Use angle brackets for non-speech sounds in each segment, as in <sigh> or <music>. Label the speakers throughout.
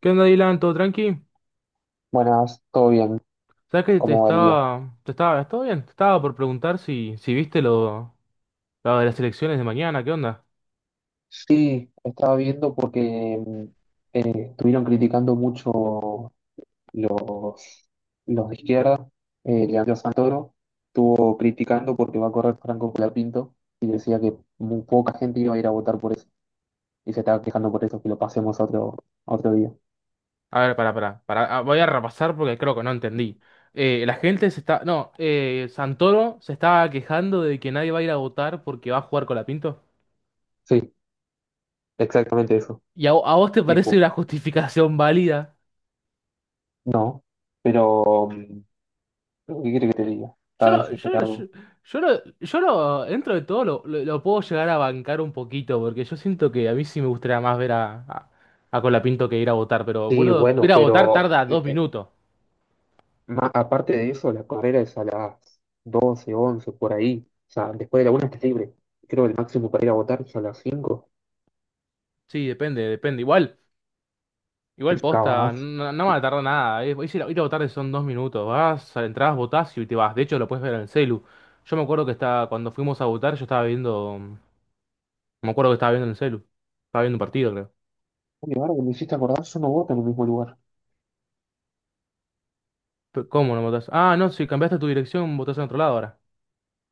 Speaker 1: ¿Qué onda, Dylan? ¿Todo tranqui?
Speaker 2: Buenas, todo bien,
Speaker 1: ¿Sabes que te
Speaker 2: ¿cómo va el día?
Speaker 1: estaba, te estaba, todo bien? Te estaba por preguntar si viste lo de las elecciones de mañana, ¿qué onda?
Speaker 2: Sí, estaba viendo porque mm, estuvieron criticando mucho los, los de izquierda. Leandro Santoro estuvo criticando porque va a correr Franco Colapinto y decía que muy poca gente iba a ir a votar por eso. Y se estaba quejando por eso, que lo pasemos a otro día.
Speaker 1: A ver, para, voy a repasar porque creo que no entendí. La gente se está, no, Santoro se estaba quejando de que nadie va a ir a votar porque va a jugar con la Pinto.
Speaker 2: Sí, exactamente eso.
Speaker 1: ¿Y a vos te parece una
Speaker 2: Tipo,
Speaker 1: justificación válida?
Speaker 2: no, pero ¿qué quiere que te diga?
Speaker 1: Yo
Speaker 2: Está
Speaker 1: lo, yo, lo- yo,
Speaker 2: desesperado.
Speaker 1: yo dentro de todo lo puedo llegar a bancar un poquito, porque yo siento que a mí sí me gustaría más ver a Colapinto que ir a votar, pero
Speaker 2: Sí,
Speaker 1: boludo,
Speaker 2: bueno,
Speaker 1: ir a votar
Speaker 2: pero
Speaker 1: tarda dos minutos.
Speaker 2: Aparte de eso, la carrera es a las 12:11 por ahí. O sea, después de la una estás libre. Creo que el máximo para ir a votar es a las cinco.
Speaker 1: Sí, depende, depende. Igual
Speaker 2: Es un
Speaker 1: posta,
Speaker 2: cabazo.
Speaker 1: no, no va a tardar nada. Ir a votar son 2 minutos. Vas, entras, votás y te vas. De hecho, lo puedes ver en el celu. Yo me acuerdo que estaba, cuando fuimos a votar, yo estaba viendo. Me acuerdo que estaba viendo en el celu. Estaba viendo un partido, creo.
Speaker 2: Uy, ahora que me hiciste acordar, yo no voto en el mismo lugar.
Speaker 1: Pero, ¿cómo no votás? Ah, no, si cambiaste tu dirección, votás en otro lado ahora.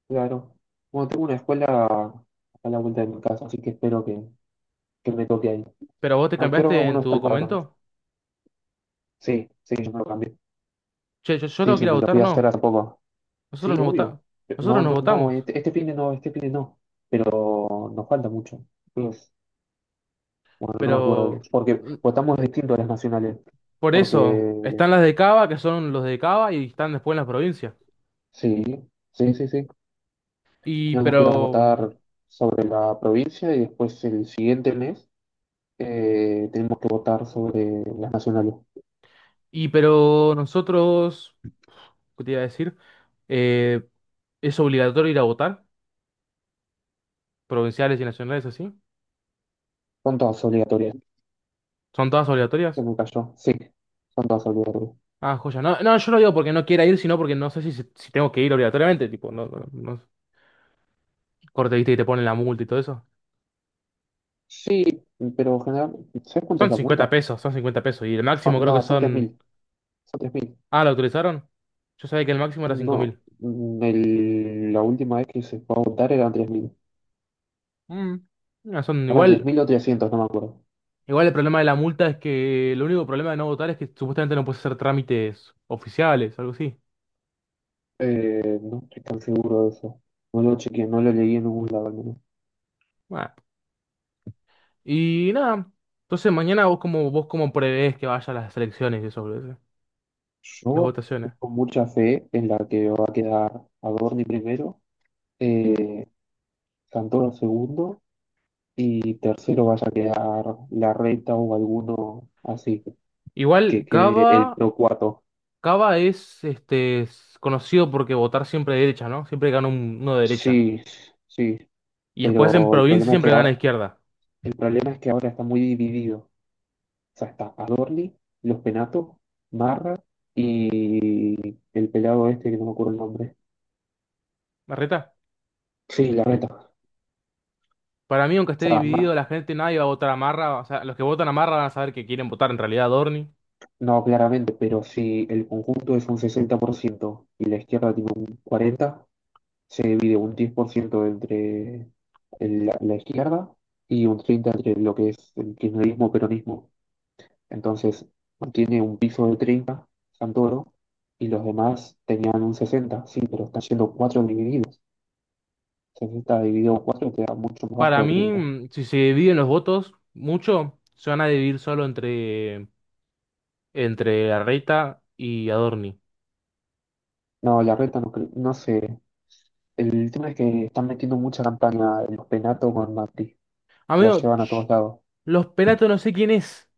Speaker 2: Claro. Bueno, tengo una escuela a la vuelta de mi casa, así que espero que me toque ahí.
Speaker 1: ¿Pero vos te
Speaker 2: ¿A qué hora
Speaker 1: cambiaste
Speaker 2: uno
Speaker 1: en tu
Speaker 2: está el padrón?
Speaker 1: documento?
Speaker 2: Sí, sí, yo me lo cambié.
Speaker 1: Che, yo
Speaker 2: Sí,
Speaker 1: tengo que
Speaker 2: sí,
Speaker 1: ir a
Speaker 2: me lo
Speaker 1: votar,
Speaker 2: fui a
Speaker 1: no.
Speaker 2: hacer hace poco. Sí,
Speaker 1: Nosotros nos vota-
Speaker 2: obvio.
Speaker 1: nosotros
Speaker 2: No,
Speaker 1: nos
Speaker 2: no, no,
Speaker 1: votamos.
Speaker 2: este fin de no, este fin de no. Pero nos falta mucho. Bueno, no me acuerdo bien.
Speaker 1: Pero
Speaker 2: Porque
Speaker 1: mm,
Speaker 2: votamos distinto a las nacionales.
Speaker 1: por eso,
Speaker 2: Porque
Speaker 1: están las de Cava, que son los de Cava, y están después en las provincias.
Speaker 2: sí, sí, sí, sí.
Speaker 1: Y
Speaker 2: Teníamos que ir a
Speaker 1: pero,
Speaker 2: votar sobre la provincia y después el siguiente mes tenemos que votar sobre las nacionales.
Speaker 1: y pero nosotros, ¿qué te iba a decir? Eh, ¿Es obligatorio ir a votar? Provinciales y nacionales así.
Speaker 2: Son todas obligatorias.
Speaker 1: ¿Son todas
Speaker 2: Se
Speaker 1: obligatorias?
Speaker 2: me cayó. Sí, son todas obligatorias.
Speaker 1: Ah, joya. No, no, yo no digo porque no quiera ir, sino porque no sé si tengo que ir obligatoriamente. Tipo, no, no, no- corte, viste, y te ponen la multa y todo eso.
Speaker 2: Sí, pero general, ¿sabes cuánto
Speaker 1: Son
Speaker 2: es la
Speaker 1: 50
Speaker 2: multa?
Speaker 1: pesos, son 50 pesos. Y el máximo creo que
Speaker 2: No, son tres
Speaker 1: son.
Speaker 2: mil Son 3.000.
Speaker 1: Ah, ¿lo autorizaron? Yo sabía que el máximo era
Speaker 2: No,
Speaker 1: 5.000.
Speaker 2: la última vez que se fue a votar eran 3.000.
Speaker 1: Mm, no, son
Speaker 2: Eran
Speaker 1: igual.
Speaker 2: 3.000 o 300, no me acuerdo.
Speaker 1: Igual el problema de la multa es que el único problema de no votar es que supuestamente no puedes hacer trámites oficiales, algo así.
Speaker 2: No estoy tan seguro de eso. No lo chequeé, no lo leí en ningún lado al menos.
Speaker 1: Bueno, y nada. Entonces mañana vos como prevés que vaya a las elecciones y eso, boludo, las
Speaker 2: Yo
Speaker 1: votaciones.
Speaker 2: tengo mucha fe en la que va a quedar Adorni primero, eh, Santoro segundo y tercero vaya a quedar la reta o alguno así, que
Speaker 1: Igual
Speaker 2: quede el
Speaker 1: Cava,
Speaker 2: PRO 4.
Speaker 1: Cava es este es conocido porque votar siempre de derecha, ¿no? Siempre gana uno de derecha.
Speaker 2: Sí, sí,
Speaker 1: Y después en
Speaker 2: pero el
Speaker 1: provincia
Speaker 2: problema es que
Speaker 1: siempre gana
Speaker 2: ahora,
Speaker 1: izquierda.
Speaker 2: el problema es que ahora está muy dividido. O sea, está Adorni, Los Penatos, Marra y el pelado este que no me acuerdo el nombre.
Speaker 1: ¿Marreta?
Speaker 2: Sí, la neta. O
Speaker 1: Para mí, aunque esté
Speaker 2: sea,
Speaker 1: dividido, la gente nadie va a votar a Marra. O sea, los que votan a Marra van a saber que quieren votar en realidad a Dorni.
Speaker 2: no claramente, pero si el conjunto es un 60% y la izquierda tiene un 40%, se divide un 10% entre la izquierda y un 30% entre lo que es el kirchnerismo, peronismo. Entonces, mantiene un piso de 30 Santoro, y los demás tenían un 60, sí, pero están siendo 4 divididos. 60 dividido 4 queda mucho más
Speaker 1: Para
Speaker 2: bajo de
Speaker 1: mí,
Speaker 2: 30.
Speaker 1: si se dividen los votos mucho, se van a dividir solo entre Arreta y Adorni.
Speaker 2: No, la reta no, no sé. El tema es que están metiendo mucha campaña en los penatos con Macri. La
Speaker 1: Amigo,
Speaker 2: llevan a todos lados.
Speaker 1: los pelatos no sé quién es.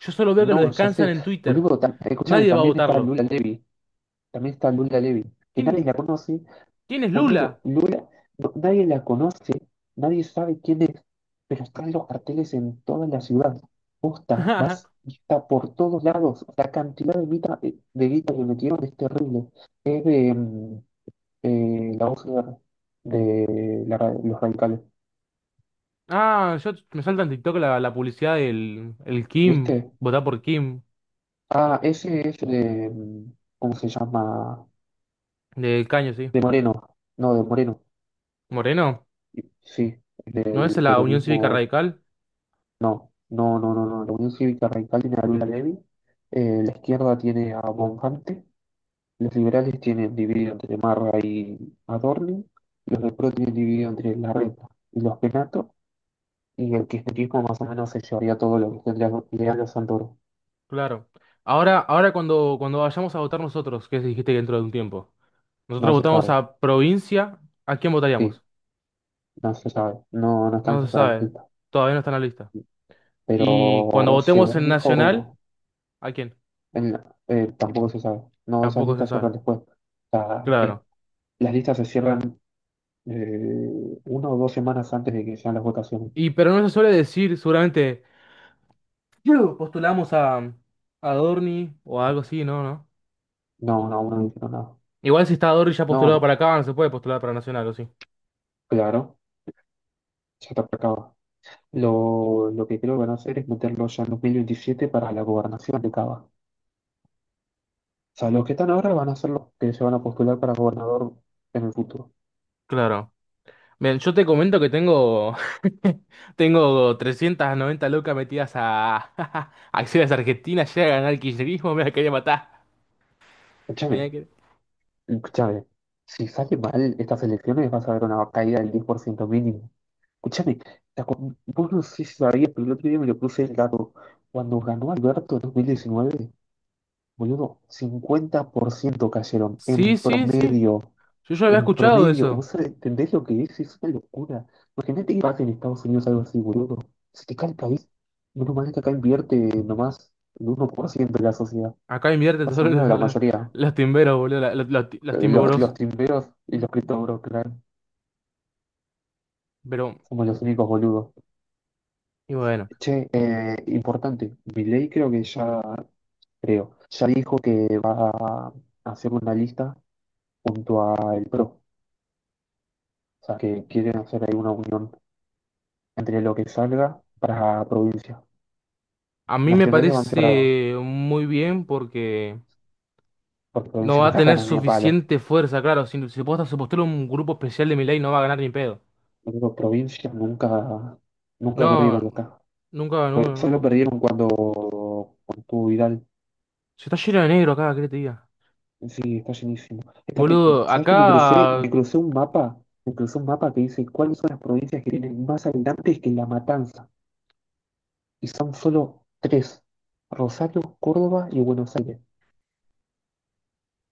Speaker 1: Yo solo veo que lo
Speaker 2: No, ya
Speaker 1: descansan
Speaker 2: sé.
Speaker 1: en Twitter.
Speaker 2: Boludo, escúchame,
Speaker 1: Nadie va a
Speaker 2: también está
Speaker 1: votarlo.
Speaker 2: Lula Levy. También está Lula Levy. Que nadie
Speaker 1: ¿Quién,
Speaker 2: la conoce.
Speaker 1: quién es
Speaker 2: Boludo,
Speaker 1: Lula?
Speaker 2: Lula, nadie la conoce. Nadie sabe quién es. Pero están los carteles en toda la ciudad. Posta, más
Speaker 1: <laughs>
Speaker 2: está por todos lados. La cantidad de guita que metieron es terrible. Es de la voz de los radicales.
Speaker 1: Ah, yo me salta en TikTok la publicidad del el Kim.
Speaker 2: ¿Viste?
Speaker 1: Votar por Kim.
Speaker 2: Ah, ese es de, ¿cómo se llama?
Speaker 1: Del Caño, sí.
Speaker 2: De Moreno, no, de Moreno,
Speaker 1: Moreno.
Speaker 2: sí,
Speaker 1: ¿No es
Speaker 2: del
Speaker 1: la Unión Cívica
Speaker 2: peronismo,
Speaker 1: Radical?
Speaker 2: no, no, no, no, no, la Unión Cívica Radical tiene a Lula Levy, la izquierda tiene a Bonfante, los liberales tienen dividido entre Marra y Adorni, los del PRO tienen dividido entre Larreta y los Penato, y el kirchnerismo más o menos se llevaría todo lo que tendría Leandro Santoro,
Speaker 1: Claro. Ahora, cuando vayamos a votar nosotros, que dijiste que dentro de un tiempo,
Speaker 2: no
Speaker 1: nosotros
Speaker 2: se
Speaker 1: votamos
Speaker 2: sabe,
Speaker 1: a provincia, ¿a quién
Speaker 2: sí,
Speaker 1: votaríamos?
Speaker 2: no se sabe, no, no están
Speaker 1: No se
Speaker 2: cerradas
Speaker 1: sabe, todavía no está en la lista. Y cuando
Speaker 2: pero
Speaker 1: votemos
Speaker 2: según
Speaker 1: en nacional,
Speaker 2: dijo,
Speaker 1: ¿a quién?
Speaker 2: tampoco se sabe. No, esas
Speaker 1: Tampoco se
Speaker 2: listas
Speaker 1: sabe.
Speaker 2: cierran después. O sea,
Speaker 1: Claro.
Speaker 2: las listas se cierran una o dos semanas antes de que sean las votaciones.
Speaker 1: Y pero no se suele decir, seguramente, <clears throat> "Yu, postulamos a Dorni o algo así, ¿no? ¿No?
Speaker 2: No, no, aún no dijeron nada.
Speaker 1: Igual si está Dorni ya
Speaker 2: No,
Speaker 1: postulado
Speaker 2: no,
Speaker 1: para acá, no se puede postular para nacional, ¿o sí?
Speaker 2: claro, ya está acabado. Lo que creo que van a hacer es meterlo ya en 2027 para la gobernación de Cava. O sea, los que están ahora van a ser los que se van a postular para gobernador en el futuro.
Speaker 1: Claro. Bien, yo te comento que tengo, <laughs> tengo 390 locas metidas a <laughs> acciones argentinas, llega a ganar el kirchnerismo, me la quería matar. Mirá
Speaker 2: Escúchame,
Speaker 1: que-
Speaker 2: escúchame. Si sale mal estas elecciones vas a ver una caída del 10% mínimo. Escúchame, vos no sé si sabías, pero el otro día me lo puse el dato. Cuando ganó Alberto en 2019, boludo, 50% cayeron en
Speaker 1: Sí, sí, sí.
Speaker 2: promedio.
Speaker 1: Yo ya había
Speaker 2: En
Speaker 1: escuchado
Speaker 2: promedio, ¿vos
Speaker 1: eso.
Speaker 2: entendés lo que es? Es una locura. Imagínate que pasa en Estados Unidos algo así, boludo. Se te cae el país. Menos mal que acá invierte nomás el 1% de la sociedad.
Speaker 1: Acá invierte
Speaker 2: Estados
Speaker 1: todos
Speaker 2: Unidos, la mayoría.
Speaker 1: los timberos, boludo, los
Speaker 2: Los
Speaker 1: timberos.
Speaker 2: timberos y los criptoburos, claro.
Speaker 1: Pero,
Speaker 2: Somos los únicos boludos.
Speaker 1: y bueno,
Speaker 2: Che, importante, Milei creo que ya creo. Ya dijo que va a hacer una lista junto a el PRO, o sea, que quieren hacer ahí una unión entre lo que salga para provincia.
Speaker 1: a mí me
Speaker 2: Nacionales van separados,
Speaker 1: parece muy bien porque
Speaker 2: porque
Speaker 1: no
Speaker 2: provincia
Speaker 1: va
Speaker 2: no
Speaker 1: a
Speaker 2: la
Speaker 1: tener
Speaker 2: ganan ni a palo.
Speaker 1: suficiente fuerza, claro. Si se postula un grupo especial de Milei, no va a ganar ni pedo.
Speaker 2: Digo, provincia nunca
Speaker 1: No,
Speaker 2: perdieron acá.
Speaker 1: nunca
Speaker 2: Pero
Speaker 1: ganó
Speaker 2: solo
Speaker 1: no.
Speaker 2: perdieron cuando estuvo Vidal.
Speaker 1: Se está lleno de negro acá, ¿qué te diga?
Speaker 2: Sí, está llenísimo.
Speaker 1: Boludo,
Speaker 2: ¿Sabes que me crucé,
Speaker 1: acá
Speaker 2: me crucé un mapa? Me crucé un mapa que dice cuáles son las provincias que tienen más habitantes que La Matanza. Y son solo tres, Rosario, Córdoba y Buenos Aires,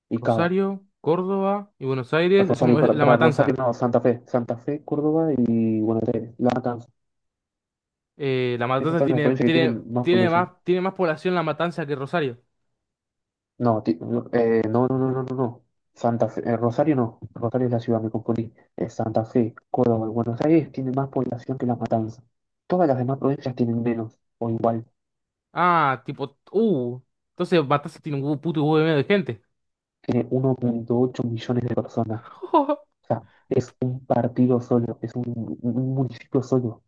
Speaker 2: y Cava.
Speaker 1: Rosario, Córdoba y Buenos Aires, eso
Speaker 2: Rosario,
Speaker 1: es
Speaker 2: para,
Speaker 1: La
Speaker 2: para Rosario
Speaker 1: Matanza.
Speaker 2: no, Santa Fe, Santa Fe, Córdoba y Buenos Aires, La Matanza.
Speaker 1: La
Speaker 2: Esas
Speaker 1: Matanza
Speaker 2: son las
Speaker 1: tiene,
Speaker 2: provincias que
Speaker 1: tiene,
Speaker 2: tienen más
Speaker 1: tiene más,
Speaker 2: población.
Speaker 1: tiene más población La Matanza que Rosario.
Speaker 2: No, no, no, no, no, no, no, no. Santa Fe, Rosario no, Rosario es la ciudad, me confundí. Santa Fe, Córdoba y Buenos Aires tienen más población que La Matanza. Todas las demás provincias tienen menos, o igual,
Speaker 1: Ah, tipo, entonces Matanza tiene un puto huevo de medio de gente.
Speaker 2: tiene 1,8 millones de personas.
Speaker 1: <laughs>
Speaker 2: O sea, es un partido solo, es un municipio solo.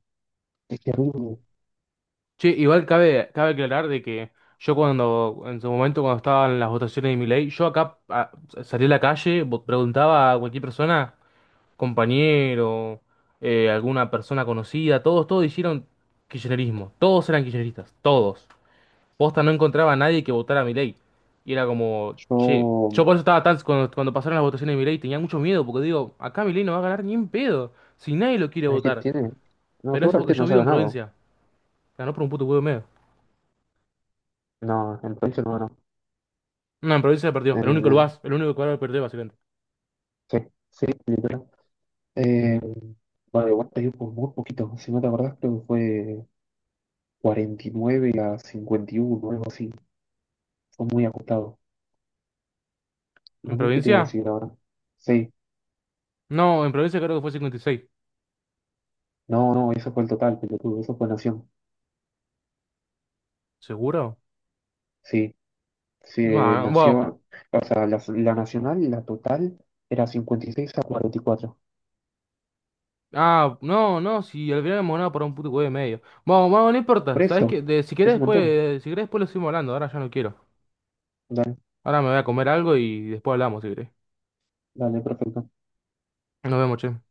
Speaker 2: Es terrible.
Speaker 1: Che, igual cabe aclarar de que en su momento cuando estaban las votaciones de mi ley, yo acá salí a la calle, preguntaba a cualquier persona. Compañero, alguna persona conocida, todos hicieron kirchnerismo, todos eran kirchneristas, todos. Posta no encontraba a nadie que votara a Milei. Y era como, che, yo
Speaker 2: Yo,
Speaker 1: por eso estaba tan, cuando pasaron las votaciones de Milei tenía mucho miedo, porque digo, acá Milei no va a ganar ni en pedo, si nadie lo quiere
Speaker 2: ¿sabes qué
Speaker 1: votar.
Speaker 2: tiene? No,
Speaker 1: Pero eso porque
Speaker 2: seguramente
Speaker 1: yo
Speaker 2: no se ha
Speaker 1: vivo en
Speaker 2: ganado.
Speaker 1: provincia, ganó por un puto huevo y medio.
Speaker 2: No, en provincia no ganó.
Speaker 1: No, en provincia perdió,
Speaker 2: En, en-
Speaker 1: el único lugar que perdió básicamente.
Speaker 2: sí, sí, literal. Eh, bueno, igual perdió por muy poquito. Si no te acordás, creo que fue 49 a 51 algo así. Fue muy ajustado. No
Speaker 1: ¿En
Speaker 2: olvidé qué te iba a
Speaker 1: provincia?
Speaker 2: decir ahora. Sí,
Speaker 1: No, en provincia creo que fue 56.
Speaker 2: no, no, eso fue el total, pelotudo. Eso fue Nación.
Speaker 1: ¿Seguro?
Speaker 2: Sí, sí,
Speaker 1: Bueno, bueno.
Speaker 2: Nación. O sea, la Nacional, la total, era 56 a 44.
Speaker 1: Ah, no, no, si al final hemos ganado por un puto huevo y medio. Vamos, vamos, no importa.
Speaker 2: Por
Speaker 1: ¿Sabes qué?
Speaker 2: eso,
Speaker 1: De- si querés
Speaker 2: es un
Speaker 1: después,
Speaker 2: montón.
Speaker 1: eh, si querés después lo seguimos hablando, ahora ya no quiero. Ahora me voy a comer algo y después hablamos, si querés.
Speaker 2: Dale, perfecto.
Speaker 1: Nos vemos, che.